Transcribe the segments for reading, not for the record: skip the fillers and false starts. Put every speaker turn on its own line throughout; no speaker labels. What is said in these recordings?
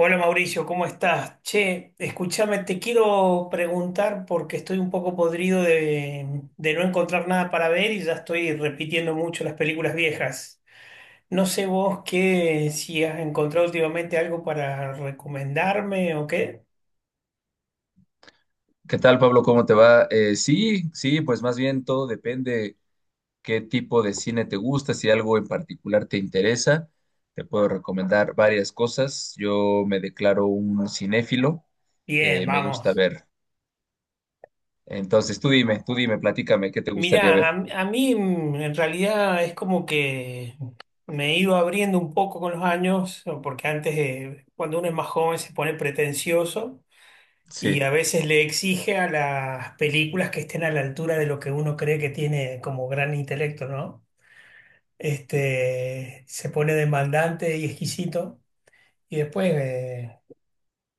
Hola Mauricio, ¿cómo estás? Che, escúchame, te quiero preguntar porque estoy un poco podrido de no encontrar nada para ver y ya estoy repitiendo mucho las películas viejas. No sé vos qué, si has encontrado últimamente algo para recomendarme o qué.
¿Qué tal, Pablo? ¿Cómo te va? Sí, sí, pues más bien todo depende qué tipo de cine te gusta, si algo en particular te interesa. Te puedo recomendar varias cosas. Yo me declaro un cinéfilo,
Bien,
me gusta
vamos.
ver. Entonces, tú dime, platícame, ¿qué te gustaría
Mirá,
ver?
a mí en realidad es como que me he ido abriendo un poco con los años, porque antes, cuando uno es más joven, se pone pretencioso. Y
Sí,
a veces le exige a las películas que estén a la altura de lo que uno cree que tiene como gran intelecto, ¿no? Este, se pone demandante y exquisito y después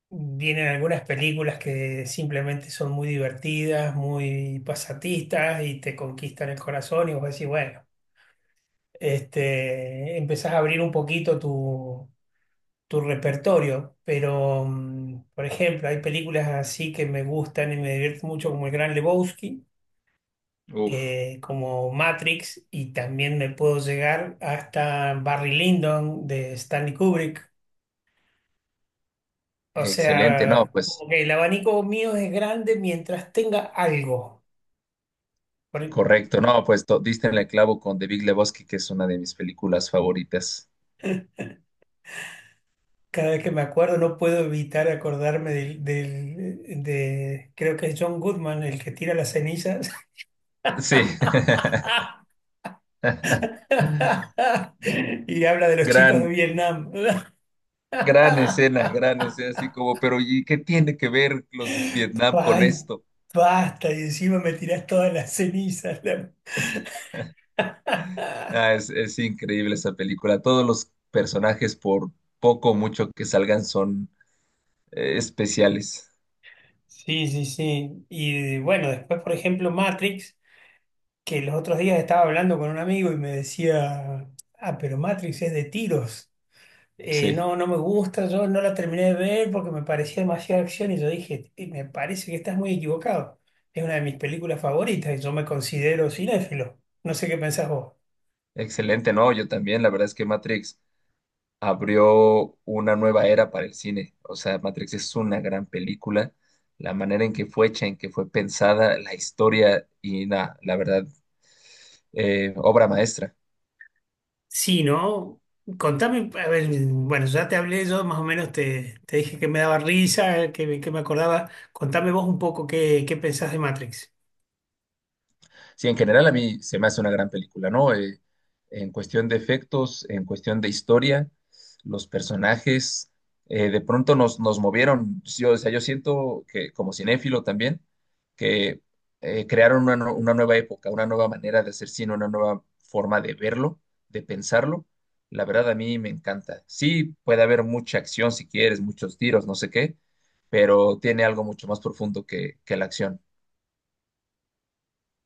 vienen algunas películas que simplemente son muy divertidas, muy pasatistas y te conquistan el corazón y vos decís, bueno, este, empezás a abrir un poquito tu repertorio, pero por ejemplo, hay películas así que me gustan y me divierten mucho como El Gran Lebowski,
uf,
como Matrix, y también me puedo llegar hasta Barry Lyndon de Stanley Kubrick. O
excelente. No,
sea,
pues
como que el abanico mío es grande mientras tenga algo. Por-
correcto, no, pues diste en el clavo con The Big Lebowski, que es una de mis películas favoritas.
Cada vez que me acuerdo no puedo evitar acordarme de creo que es John Goodman el que tira las cenizas
Sí.
y habla de los chicos de
Gran,
Vietnam.
Gran escena, así como, pero ¿y qué tiene que ver los Vietnam con
Ay,
esto?
basta, y encima me tirás todas las cenizas.
Ah, es increíble esa película. Todos los personajes, por poco o mucho que salgan, son especiales.
Sí, sí, sí. Y bueno, después, por ejemplo, Matrix, que los otros días estaba hablando con un amigo y me decía, ah, pero Matrix es de tiros.
Sí,
No, no me gusta, yo no la terminé de ver porque me parecía demasiada acción y yo dije, me parece que estás muy equivocado. Es una de mis películas favoritas y yo me considero cinéfilo. No sé qué pensás vos.
excelente, ¿no? Yo también, la verdad es que Matrix abrió una nueva era para el cine. O sea, Matrix es una gran película. La manera en que fue hecha, en que fue pensada, la historia y nada, la verdad, obra maestra.
Sí, ¿no? Contame, a ver, bueno, ya te hablé yo, más o menos te dije que me daba risa, me que me acordaba. Contame vos un poco qué, qué pensás de Matrix.
Sí, en general a mí se me hace una gran película, ¿no? En cuestión de efectos, en cuestión de historia, los personajes, de pronto nos movieron. Yo, o sea, yo siento que como cinéfilo también, que crearon una, una nueva época, una nueva manera de hacer cine, una nueva forma de verlo, de pensarlo. La verdad a mí me encanta. Sí, puede haber mucha acción si quieres, muchos tiros, no sé qué, pero tiene algo mucho más profundo que la acción.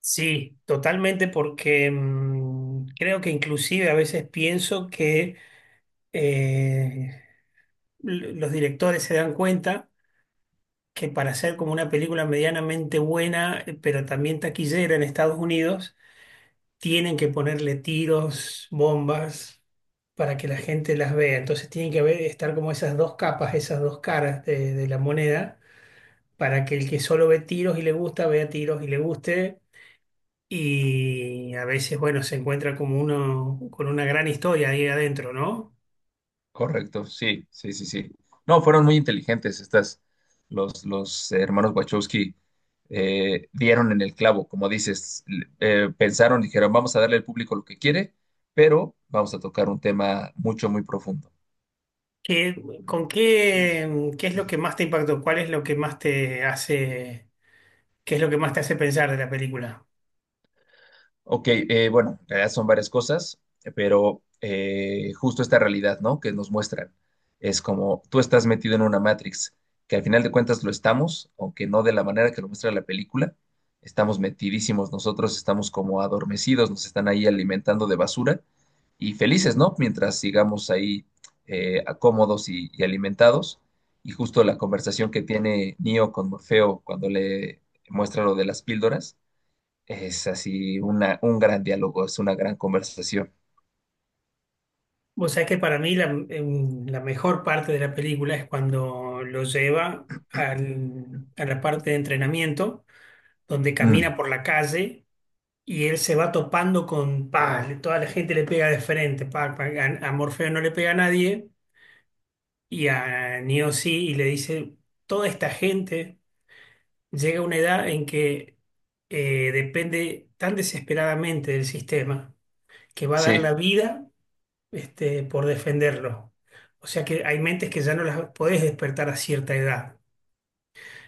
Sí, totalmente, porque creo que inclusive a veces pienso que eh, los directores se dan cuenta que para hacer como una película medianamente buena, pero también taquillera en Estados Unidos, tienen que ponerle tiros, bombas, para que la gente las vea. Entonces tienen que haber, estar como esas dos capas, esas dos caras de la moneda, para que el que solo ve tiros y le gusta, vea tiros y le guste. Y a veces, bueno, se encuentra como uno con una gran historia ahí adentro, ¿no?
Correcto, sí, sí, sí, sí. No, fueron muy inteligentes estas, los hermanos Wachowski dieron en el clavo, como dices, pensaron, dijeron, vamos a darle al público lo que quiere, pero vamos a tocar un tema mucho, muy profundo.
¿Qué- ¿Con qué, qué es lo que más te impactó? ¿Cuál es lo que más te hace, qué es lo que más te hace pensar de la película?
Ok, bueno, en realidad son varias cosas, pero justo esta realidad, ¿no? Que nos muestran. Es como tú estás metido en una Matrix, que al final de cuentas lo estamos, aunque no de la manera que lo muestra la película. Estamos metidísimos nosotros, estamos como adormecidos, nos están ahí alimentando de basura y felices, ¿no? Mientras sigamos ahí cómodos y alimentados. Y justo la conversación que tiene Neo con Morfeo cuando le muestra lo de las píldoras es así una, un gran diálogo, es una gran conversación.
Vos sabés que para mí la mejor parte de la película es cuando lo lleva a la parte de entrenamiento, donde
Mm,
camina por la calle y él se va topando con, pa, toda la gente le pega de frente, pa, pa, a Morfeo no le pega a nadie y a Neo sí, y le dice, toda esta gente llega a una edad en que depende tan desesperadamente del sistema que va a dar la
sí,
vida este, por defenderlo. O sea que hay mentes que ya no las podés despertar a cierta edad.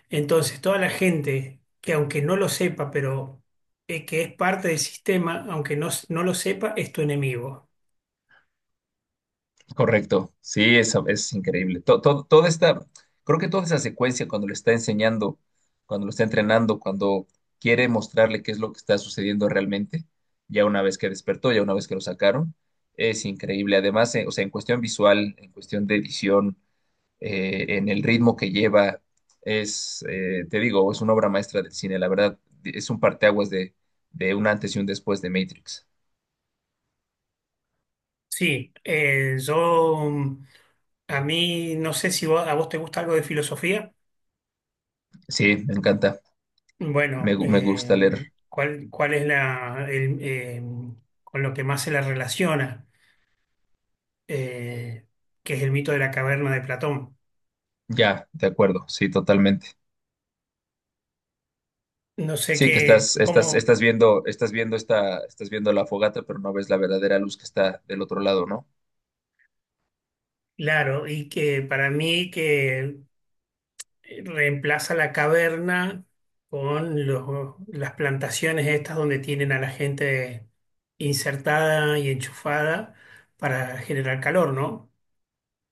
Entonces, toda la gente que aunque no lo sepa, pero que es parte del sistema, aunque no lo sepa, es tu enemigo.
correcto. Sí, eso es increíble. Toda esta, creo que toda esa secuencia cuando le está enseñando, cuando lo está entrenando, cuando quiere mostrarle qué es lo que está sucediendo realmente, ya una vez que despertó, ya una vez que lo sacaron, es increíble. Además, o sea, en cuestión visual, en cuestión de edición, en el ritmo que lleva. Es, te digo, es una obra maestra del cine, la verdad, es un parteaguas de un antes y un después de Matrix.
Sí, yo a mí no sé si a vos te gusta algo de filosofía.
Sí, me encanta,
Bueno,
me gusta leer.
¿cuál es con lo que más se la relaciona? Eh, que es el mito de la caverna de Platón.
Ya, de acuerdo, sí, totalmente.
No sé
Sí, que
qué, cómo,
estás viendo, estás viendo la fogata, pero no ves la verdadera luz que está del otro lado, ¿no?
claro, y que para mí que reemplaza la caverna con las plantaciones estas donde tienen a la gente insertada y enchufada para generar calor, ¿no?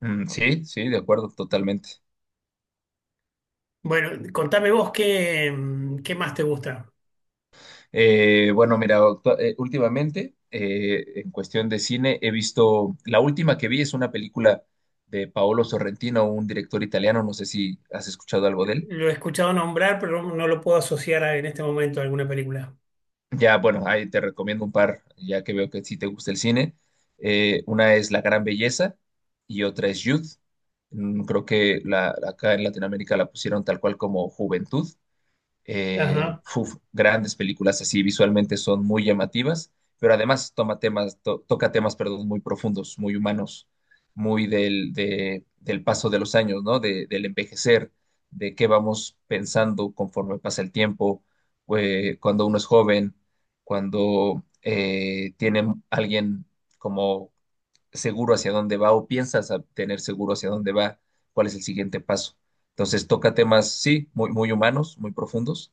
Mm, sí, sí, de acuerdo, totalmente.
Bueno, contame vos qué, qué más te gusta.
Bueno, mira, últimamente, en cuestión de cine, he visto, la última que vi es una película de Paolo Sorrentino, un director italiano, no sé si has escuchado algo de él.
Lo he escuchado nombrar, pero no lo puedo asociar en este momento a alguna película.
Ya, bueno, ahí te recomiendo un par, ya que veo que sí te gusta el cine. Una es La Gran Belleza y otra es Youth. Mm, creo que la, acá en Latinoamérica la pusieron tal cual como Juventud.
Ajá.
Uf, grandes películas así, visualmente son muy llamativas, pero además toca temas, perdón, muy profundos, muy humanos, muy del paso de los años, ¿no? Del envejecer, de qué vamos pensando conforme pasa el tiempo, cuando uno es joven, cuando tiene alguien como seguro hacia dónde va o piensas a tener seguro hacia dónde va, cuál es el siguiente paso. Entonces toca temas, sí, muy, muy humanos, muy profundos,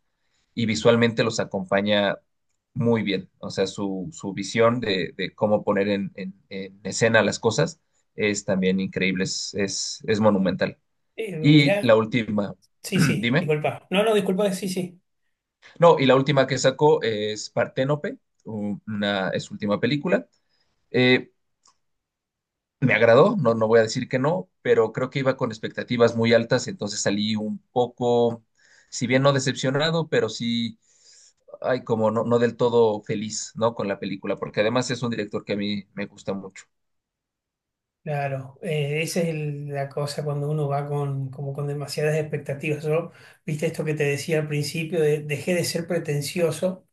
y visualmente los acompaña muy bien. O sea, su visión de cómo poner en escena las cosas es también increíble, es monumental. Y la
Mirá,
última,
sí, sí,
dime.
disculpa. No, no, disculpa, sí, sí.
No, y la última que sacó es Parténope, una, es su última película. Eh, Me agradó, no, no voy a decir que no, pero creo que iba con expectativas muy altas, entonces salí un poco, si bien no decepcionado, pero sí, ay, como no del todo feliz, ¿no? Con la película, porque además es un director que a mí me gusta mucho.
Claro, esa es la cosa cuando uno va con, como con demasiadas expectativas. Yo, viste esto que te decía al principio, dejé de ser pretencioso,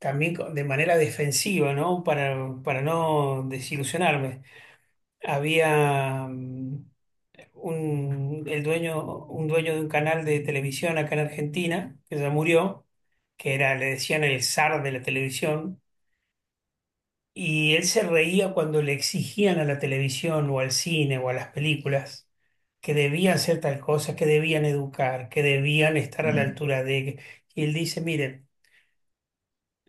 también de manera defensiva, ¿no? Para no desilusionarme. Había el dueño, un dueño de un canal de televisión acá en Argentina, que ya murió, que era, le decían el zar de la televisión y él se reía cuando le exigían a la televisión o al cine o a las películas que debían hacer tal cosa, que debían educar, que debían estar a la
Ujú.
altura de... Y él dice, miren,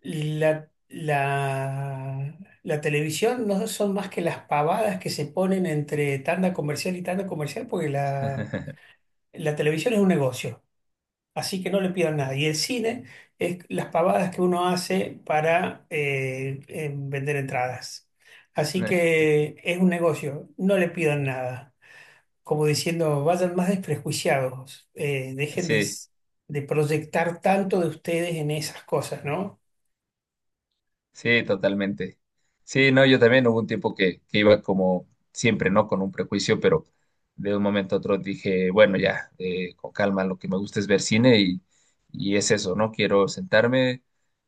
la, la, la televisión no son más que las pavadas que se ponen entre tanda comercial y tanda comercial porque la televisión es un negocio. Así que no le pidan nada. Y el cine es las pavadas que uno hace para vender entradas. Así
Eh,
que es un negocio, no le pidan nada. Como diciendo, vayan más desprejuiciados, dejen
Sí,
de proyectar tanto de ustedes en esas cosas, ¿no?
sí, totalmente. Sí, no, yo también hubo un tiempo que iba como siempre, ¿no? Con un prejuicio, pero de un momento a otro dije, bueno, ya, con calma, lo que me gusta es ver cine y es eso, ¿no? Quiero sentarme,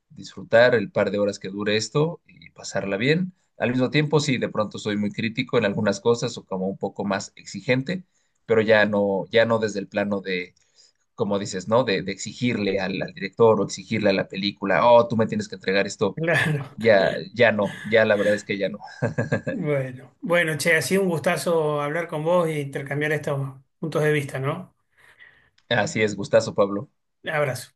disfrutar el par de horas que dure esto y pasarla bien. Al mismo tiempo, sí, de pronto soy muy crítico en algunas cosas o como un poco más exigente, pero ya no, ya no desde el plano de, como dices, ¿no? De exigirle al director o exigirle a la película, oh, tú me tienes que entregar esto.
Claro.
Ya, ya no, ya la verdad es que ya no.
Bueno, bueno, che, ha sido un gustazo hablar con vos y intercambiar estos puntos de vista, ¿no?
Así es, gustazo, Pablo.
Abrazo.